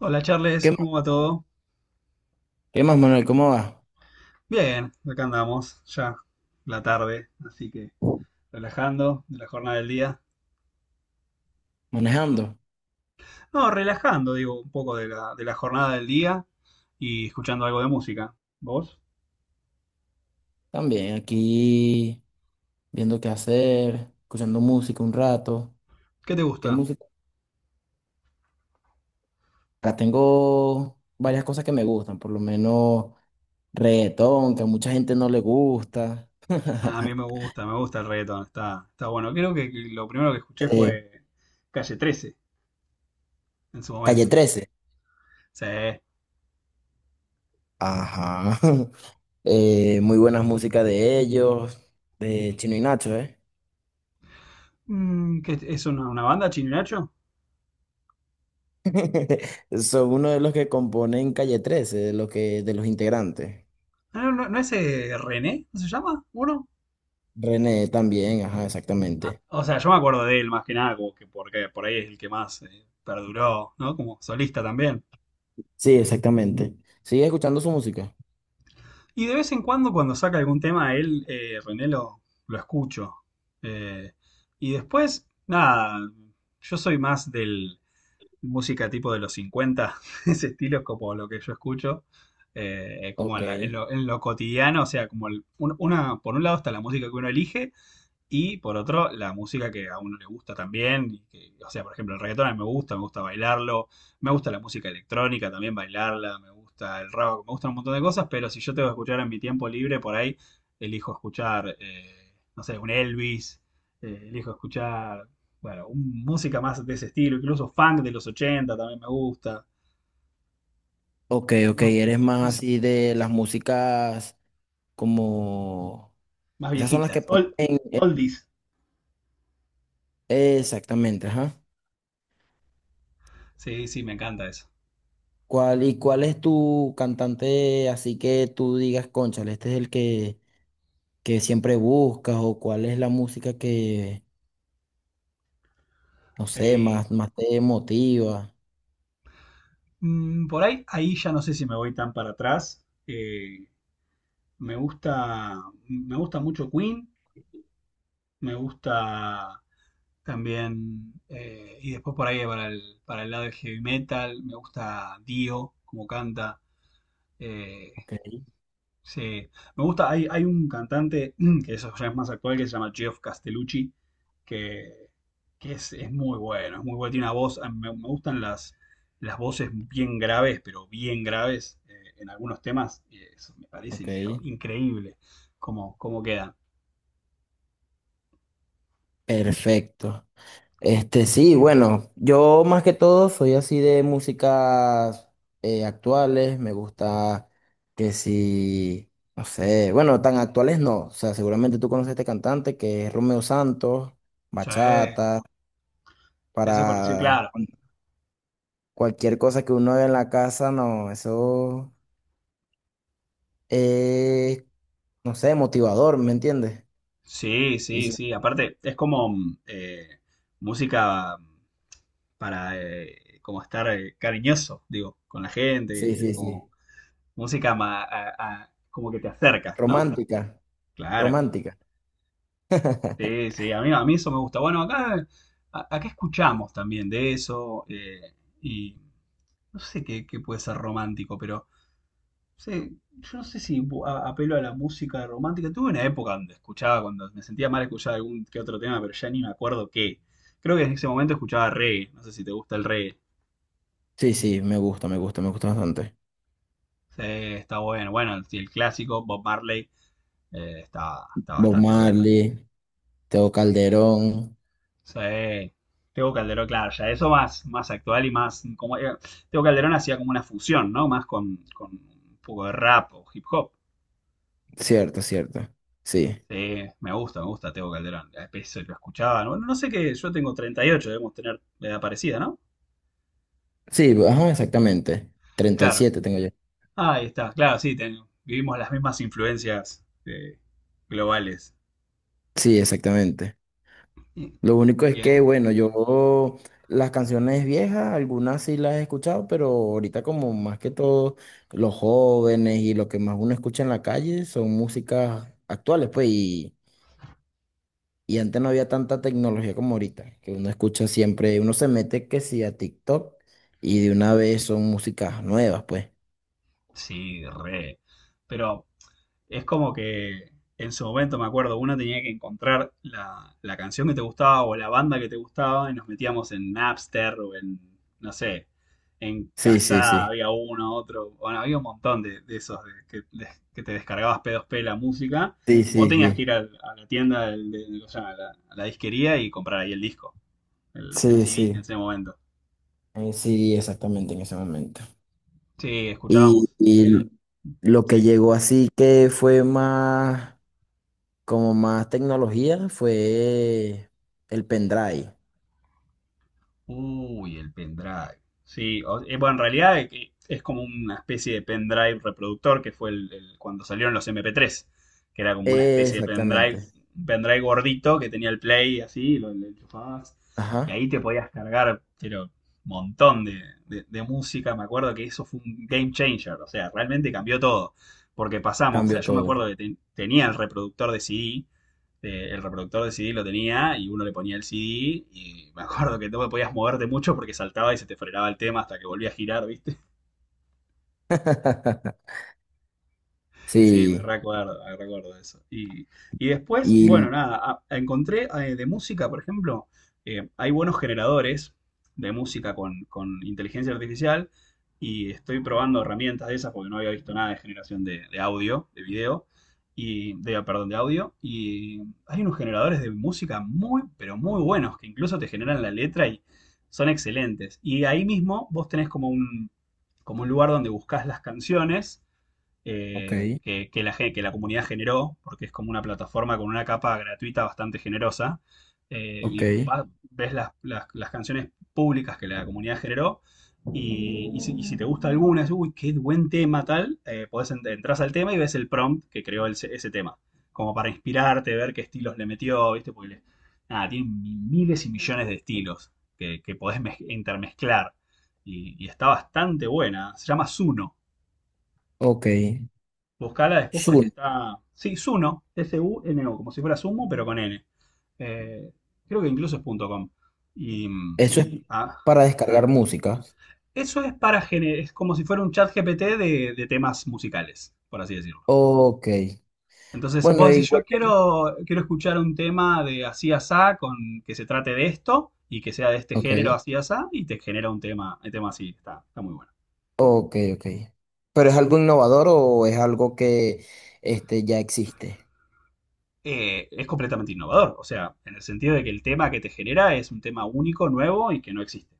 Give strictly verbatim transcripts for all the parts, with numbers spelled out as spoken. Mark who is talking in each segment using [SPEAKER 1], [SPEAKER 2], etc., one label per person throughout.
[SPEAKER 1] Hola Charles,
[SPEAKER 2] ¿Qué más,
[SPEAKER 1] ¿cómo va
[SPEAKER 2] Manuel?
[SPEAKER 1] todo?
[SPEAKER 2] ¿Qué más, Manuel? ¿Cómo vas?
[SPEAKER 1] Bien, acá andamos, ya la tarde, así que relajando de la jornada del día.
[SPEAKER 2] ¿Manejando?
[SPEAKER 1] No, relajando, digo, un poco de la, de la jornada del día y escuchando algo de música. ¿Vos?
[SPEAKER 2] También aquí viendo qué hacer, escuchando música un rato.
[SPEAKER 1] ¿Qué te
[SPEAKER 2] ¿Qué
[SPEAKER 1] gusta?
[SPEAKER 2] música? Acá tengo varias cosas que me gustan, por lo menos reggaetón, que a mucha gente no le gusta.
[SPEAKER 1] Ah, a mí me gusta, me gusta el reggaetón, está, está bueno. Creo que lo primero que escuché
[SPEAKER 2] Eh,
[SPEAKER 1] fue Calle trece en su
[SPEAKER 2] Calle
[SPEAKER 1] momento.
[SPEAKER 2] trece.
[SPEAKER 1] Sí.
[SPEAKER 2] Ajá. Eh, muy buenas músicas de ellos, de Chino y Nacho, ¿eh?
[SPEAKER 1] Mm, ¿qué es? ¿Es una, una banda, Chino y Nacho?
[SPEAKER 2] Son uno de los que componen Calle trece, de los que, de los integrantes.
[SPEAKER 1] Ah, ¿no, no, no es eh, René? ¿No se llama? ¿Uno?
[SPEAKER 2] René también, ajá,
[SPEAKER 1] Ah,
[SPEAKER 2] exactamente.
[SPEAKER 1] o sea, yo me acuerdo de él más que nada, como que porque por ahí es el que más eh, perduró, ¿no? Como solista también.
[SPEAKER 2] Sí, exactamente. ¿Sigues escuchando su música?
[SPEAKER 1] Y de vez en cuando, cuando saca algún tema, él, eh, René, lo, lo escucho. Eh, y después, nada, yo soy más del música tipo de los cincuenta ese estilo es como lo que yo escucho, eh, como
[SPEAKER 2] Ok.
[SPEAKER 1] en, la- en lo, en lo cotidiano, o sea, como el- un- una, por un lado está la música que uno elige. Y por otro, la música que a uno le gusta también. Y que- o sea, por ejemplo, el reggaetón a mí me gusta, me gusta bailarlo, me gusta la música electrónica también bailarla, me gusta el rock, me gustan un montón de cosas, pero si yo tengo que escuchar en mi tiempo libre, por ahí elijo escuchar, eh, no sé, un Elvis, eh, elijo escuchar, bueno, un- música más de ese estilo, incluso funk de los ochenta también me gusta,
[SPEAKER 2] Ok, ok,
[SPEAKER 1] más,
[SPEAKER 2] eres más
[SPEAKER 1] más-
[SPEAKER 2] así de las músicas como...
[SPEAKER 1] más
[SPEAKER 2] Esas son las que
[SPEAKER 1] viejitas,
[SPEAKER 2] ponen...
[SPEAKER 1] old,
[SPEAKER 2] en-
[SPEAKER 1] oldies.
[SPEAKER 2] Exactamente, ajá.
[SPEAKER 1] Sí, sí, me encanta eso.
[SPEAKER 2] ¿Cuál, y cuál es tu cantante así que tú digas, cónchale, este es el que, que siempre buscas o cuál es la música que, no sé,
[SPEAKER 1] Ey,
[SPEAKER 2] más, más te motiva?
[SPEAKER 1] Mm, por ahí, ahí ya no sé si me voy tan para atrás. Eh, me gusta, me gusta mucho Queen, me gusta también, eh, y después por ahí para el, para el lado del heavy metal, me gusta Dio, como canta. eh,
[SPEAKER 2] Ok,
[SPEAKER 1] Sí, me gusta, hay, hay un cantante que eso ya es más actual que se llama Geoff Castellucci, que, que es, es muy bueno, es muy bueno, tiene una voz, a mí me, me gustan las, las voces bien graves, pero bien graves, eh, en algunos temas, y eso me parece
[SPEAKER 2] ok.
[SPEAKER 1] incre- increíble cómo, cómo quedan.
[SPEAKER 2] Perfecto. Este, sí, bueno, yo más que todo soy así de músicas eh, actuales, me gusta que si, no sé, bueno, tan actuales no, o sea, seguramente tú conoces a este cantante que es Romeo Santos,
[SPEAKER 1] Sí, eso
[SPEAKER 2] bachata,
[SPEAKER 1] es conocido,
[SPEAKER 2] para
[SPEAKER 1] claro.
[SPEAKER 2] cualquier cosa que uno ve en la casa, no, eso es, no sé, motivador, ¿me entiendes?
[SPEAKER 1] Sí,
[SPEAKER 2] Y
[SPEAKER 1] sí,
[SPEAKER 2] sí,
[SPEAKER 1] sí, aparte es como mm, eh, música para eh, como estar eh, cariñoso, digo, con la
[SPEAKER 2] sí,
[SPEAKER 1] gente,
[SPEAKER 2] sí,
[SPEAKER 1] como...
[SPEAKER 2] sí,
[SPEAKER 1] música ma- a- a- como que te acerca, ¿no?
[SPEAKER 2] romántica,
[SPEAKER 1] Claro,
[SPEAKER 2] romántica.
[SPEAKER 1] sí, sí, a mí, a mí eso me gusta. Bueno, acá, a- acá escuchamos también de eso, eh, y no sé qué, qué puede ser romántico, pero sí, yo no sé si bu- a- apelo a la música romántica. Tuve una época donde escuchaba, cuando me sentía mal escuchaba algún que otro tema, pero ya ni me acuerdo qué. Creo que en ese momento escuchaba reggae, no sé si te gusta el reggae.
[SPEAKER 2] Sí, sí, me gusta, me gusta, me gusta bastante.
[SPEAKER 1] Sí, está bueno. Bueno, el, el clásico Bob Marley, eh, está, está
[SPEAKER 2] Bob
[SPEAKER 1] bastante bueno.
[SPEAKER 2] Marley. Teo Calderón.
[SPEAKER 1] Sí. Tego Calderón, claro, ya eso más, más actual y más. Como, eh, Tego Calderón hacía como una fusión, ¿no? Más con, con un poco de rap o hip hop.
[SPEAKER 2] Cierto, cierto. Sí.
[SPEAKER 1] Sí, me gusta, me gusta Tego Calderón. A veces lo escuchaba. No no sé qué, yo tengo treinta y ocho, debemos tener la edad parecida, ¿no?
[SPEAKER 2] Sí, pues, ajá, exactamente. Treinta y
[SPEAKER 1] Claro.
[SPEAKER 2] siete tengo yo.
[SPEAKER 1] Ahí está, claro, sí, ten- vivimos las mismas influencias, eh, globales.
[SPEAKER 2] Sí, exactamente.
[SPEAKER 1] Y-
[SPEAKER 2] Lo único
[SPEAKER 1] y,
[SPEAKER 2] es que,
[SPEAKER 1] eh,
[SPEAKER 2] bueno, yo las canciones viejas, algunas sí las he escuchado, pero ahorita como más que todo los jóvenes y lo que más uno escucha en la calle son músicas actuales, pues, y, y antes no había tanta tecnología como ahorita, que uno escucha siempre, uno se mete que sí a TikTok y de una vez son músicas nuevas, pues.
[SPEAKER 1] Sí, re. Pero es como que en su momento, me acuerdo, uno tenía que encontrar la, la canción que te gustaba o la banda que te gustaba y nos metíamos en Napster o en, no sé, en
[SPEAKER 2] Sí, sí,
[SPEAKER 1] Casada
[SPEAKER 2] sí.
[SPEAKER 1] había uno, otro, bueno, había un montón de, de esos de, que, de- que te descargabas P dos P la música
[SPEAKER 2] Sí,
[SPEAKER 1] o
[SPEAKER 2] sí,
[SPEAKER 1] tenías que
[SPEAKER 2] sí.
[SPEAKER 1] ir al- a la tienda, del- del- ¿cómo se llama? A la, a la disquería y comprar ahí el disco, el, el
[SPEAKER 2] Sí,
[SPEAKER 1] C D en
[SPEAKER 2] sí,
[SPEAKER 1] ese momento.
[SPEAKER 2] eh, sí, exactamente en ese momento.
[SPEAKER 1] Sí,
[SPEAKER 2] Y,
[SPEAKER 1] escuchábamos.
[SPEAKER 2] y lo que
[SPEAKER 1] Sí.
[SPEAKER 2] llegó así que fue más, como más tecnología, fue el pendrive.
[SPEAKER 1] Uy, el pendrive. Sí, o- eh, bueno, en realidad, eh, que es como una especie de pendrive reproductor que fue el, el- cuando salieron los M P tres, que era como una especie de pendrive,
[SPEAKER 2] Exactamente.
[SPEAKER 1] un pendrive gordito que tenía el play así, lo, lo enchufabas y
[SPEAKER 2] Ajá,
[SPEAKER 1] ahí te podías cargar, pero montón de, de- de música. Me acuerdo que eso fue un game changer, o sea, realmente cambió todo, porque pasamos, o sea,
[SPEAKER 2] cambió
[SPEAKER 1] yo me
[SPEAKER 2] todo.
[SPEAKER 1] acuerdo que ten- tenía el reproductor de C D, eh, el reproductor de C D lo tenía y uno le ponía el C D y me acuerdo que no podías moverte mucho porque saltaba y se te frenaba el tema hasta que volvía a girar, ¿viste? Sí, me
[SPEAKER 2] Sí,
[SPEAKER 1] recuerdo, me recuerdo eso. Y, y después, bueno,
[SPEAKER 2] y...
[SPEAKER 1] nada, a- encontré, eh, de música, por ejemplo, eh, hay buenos generadores de música con, con inteligencia artificial y estoy probando herramientas de esas porque no había visto nada de generación de, de audio, de video, y de, perdón, de audio. Y hay unos generadores de música muy, pero muy buenos que incluso te generan la letra y son excelentes. Y ahí mismo vos tenés como un, como un lugar donde buscas las canciones,
[SPEAKER 2] Ok,
[SPEAKER 1] eh, que, que la, gen- que la comunidad generó, porque es como una plataforma con una capa gratuita bastante generosa, eh,
[SPEAKER 2] ok,
[SPEAKER 1] y va- ves las, las- las canciones públicas que la comunidad generó, y, y si, y si te gusta alguna, es, uy, qué buen tema tal, eh, podés ent- entras al tema y ves el prompt que creó el- ese tema, como para inspirarte, ver qué estilos le metió, ¿viste? Porque le- nada, tienen mi- miles y millones de estilos que, que podés mez- intermezclar, y, y está bastante buena, se llama Zuno.
[SPEAKER 2] ok.
[SPEAKER 1] Buscala después porque
[SPEAKER 2] Zoom,
[SPEAKER 1] está. Sí, Suno, S-U-N-O, como si fuera Sumo, pero con N. Eh, creo que incluso es .com. Y. mm,
[SPEAKER 2] eso es
[SPEAKER 1] ah,
[SPEAKER 2] para
[SPEAKER 1] ah.
[SPEAKER 2] descargar música.
[SPEAKER 1] Eso es para gener- es como si fuera un chat G P T de, de temas musicales, por así decirlo.
[SPEAKER 2] Ok.
[SPEAKER 1] Entonces
[SPEAKER 2] Bueno,
[SPEAKER 1] vos decís,
[SPEAKER 2] igual.
[SPEAKER 1] yo quiero, quiero escuchar un tema de así asá con que se trate de esto y que sea de este
[SPEAKER 2] Ok.
[SPEAKER 1] género así asá y te genera un tema, un tema así, está, está muy bueno.
[SPEAKER 2] Ok, ok. ¿Pero es algo innovador o es algo que este, ya existe?
[SPEAKER 1] Eh, es completamente innovador. O sea, en el sentido de que el tema que te genera es un tema único, nuevo y que no existe.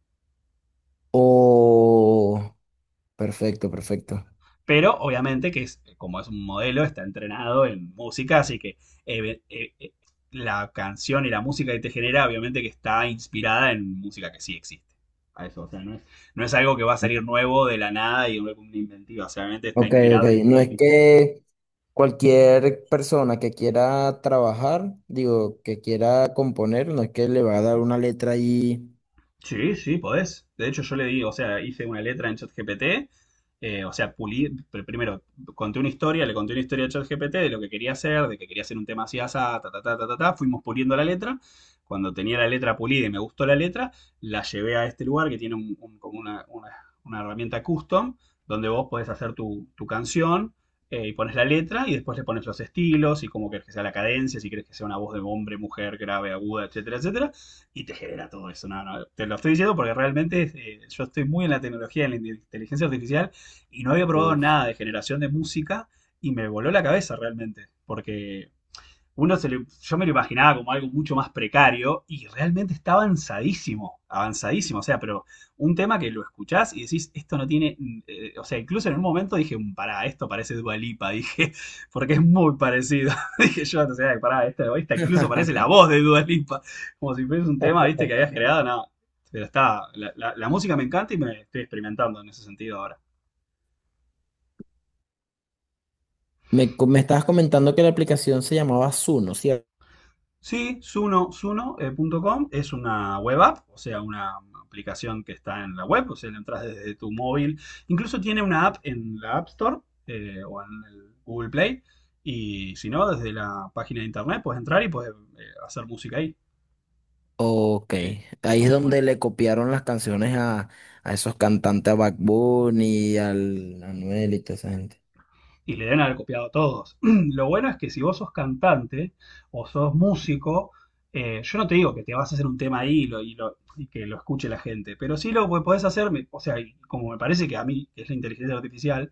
[SPEAKER 2] Oh, perfecto, perfecto.
[SPEAKER 1] Pero obviamente que es, como es un modelo, está entrenado en música, así que eh, eh, eh, la canción y la música que te genera, obviamente que está inspirada en música que sí existe. A eso, o sea, no es, no es algo que va a salir nuevo de la nada y una una inventiva, o sea, obviamente está
[SPEAKER 2] Ok, ok.
[SPEAKER 1] inspirado en.
[SPEAKER 2] No es que cualquier persona que quiera trabajar, digo, que quiera componer, no es que le va a dar una letra ahí.
[SPEAKER 1] Sí, sí, podés. De hecho, yo le di, o sea, hice una letra en ChatGPT, eh, o sea, pulí, pr- primero conté una historia, le conté una historia a ChatGPT de lo que quería hacer, de que quería hacer un tema así, asá, ta, ta, ta, ta, ta, ta, fuimos puliendo la letra. Cuando tenía la letra pulida y me gustó la letra, la llevé a este lugar que tiene un- un- como una, una- una herramienta custom, donde vos podés hacer tu, tu canción, eh, y pones la letra y después le pones los estilos y cómo querés que sea la cadencia, si querés que sea una voz de hombre, mujer, grave, aguda, etcétera, etcétera y te genera todo eso. No, no, te lo estoy diciendo porque realmente, eh, yo estoy muy en la tecnología, en la inteligencia artificial y no había probado
[SPEAKER 2] Uf.
[SPEAKER 1] nada de generación de música y me voló la cabeza realmente, porque uno se le, yo me lo imaginaba como algo mucho más precario y realmente está avanzadísimo, avanzadísimo, o sea, pero un tema que lo escuchás y decís, esto no tiene, eh, o sea, incluso en un momento dije, "Mm, pará, esto parece Dua Lipa", dije, porque es muy parecido, dije yo, o sea, pará, esta, esta incluso parece la voz de Dua Lipa, como si fuese un tema, viste, que habías creado, no, pero está, la, la- la música me encanta y me estoy experimentando en ese sentido ahora.
[SPEAKER 2] Me, co- me estabas comentando que la aplicación se llamaba Zuno, ¿cierto?
[SPEAKER 1] Sí, Suno, Suno.com es una web app, o sea, una aplicación que está en la web, o sea, la entras desde tu móvil. Incluso tiene una app en la App Store, eh, o en el Google Play. Y si no, desde la página de internet puedes entrar y puedes eh, hacer música ahí.
[SPEAKER 2] Ok,
[SPEAKER 1] Que
[SPEAKER 2] ahí
[SPEAKER 1] está
[SPEAKER 2] es
[SPEAKER 1] muy bueno.
[SPEAKER 2] donde le copiaron las canciones a, a esos cantantes, a Bad Bunny, al Anuel y toda esa gente.
[SPEAKER 1] Y le deben haber copiado todos. Lo bueno es que si vos sos cantante o sos músico, eh, yo no te digo que te vas a hacer un tema ahí y, lo- y lo- y que lo escuche la gente, pero sí lo que podés hacer, me- o sea, y como me parece que a mí es la inteligencia artificial,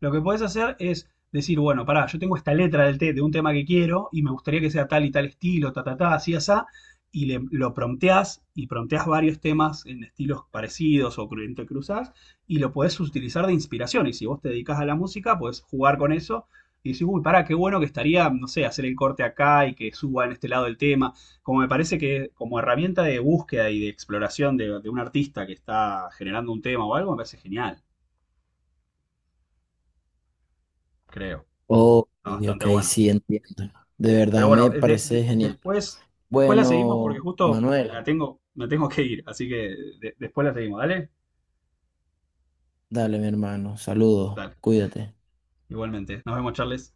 [SPEAKER 1] lo que podés hacer es decir, bueno, pará, yo tengo esta letra del té de un tema que quiero y me gustaría que sea tal y tal estilo, ta, ta, ta, así, asá, y le- lo prompteás y prompteás varios temas en estilos parecidos o cru- entrecruzás y lo podés utilizar de inspiración. Y si vos te dedicás a la música, podés jugar con eso y decir, uy, pará, qué bueno que estaría, no sé, hacer el corte acá y que suba en este lado el tema. Como me parece que como herramienta de búsqueda y de exploración de, de un artista que está generando un tema o algo, me parece genial, creo.
[SPEAKER 2] Ok,
[SPEAKER 1] Está bastante
[SPEAKER 2] ok,
[SPEAKER 1] bueno.
[SPEAKER 2] sí, entiendo. De
[SPEAKER 1] Pero
[SPEAKER 2] verdad
[SPEAKER 1] bueno,
[SPEAKER 2] me
[SPEAKER 1] eh, de- de-
[SPEAKER 2] parece genial.
[SPEAKER 1] después, después la seguimos porque
[SPEAKER 2] Bueno,
[SPEAKER 1] justo
[SPEAKER 2] Manuel,
[SPEAKER 1] la tengo, me tengo que ir, así que de- después la seguimos, ¿dale?
[SPEAKER 2] dale, mi hermano, saludos,
[SPEAKER 1] Dale,
[SPEAKER 2] cuídate.
[SPEAKER 1] igualmente. Nos vemos, Charles.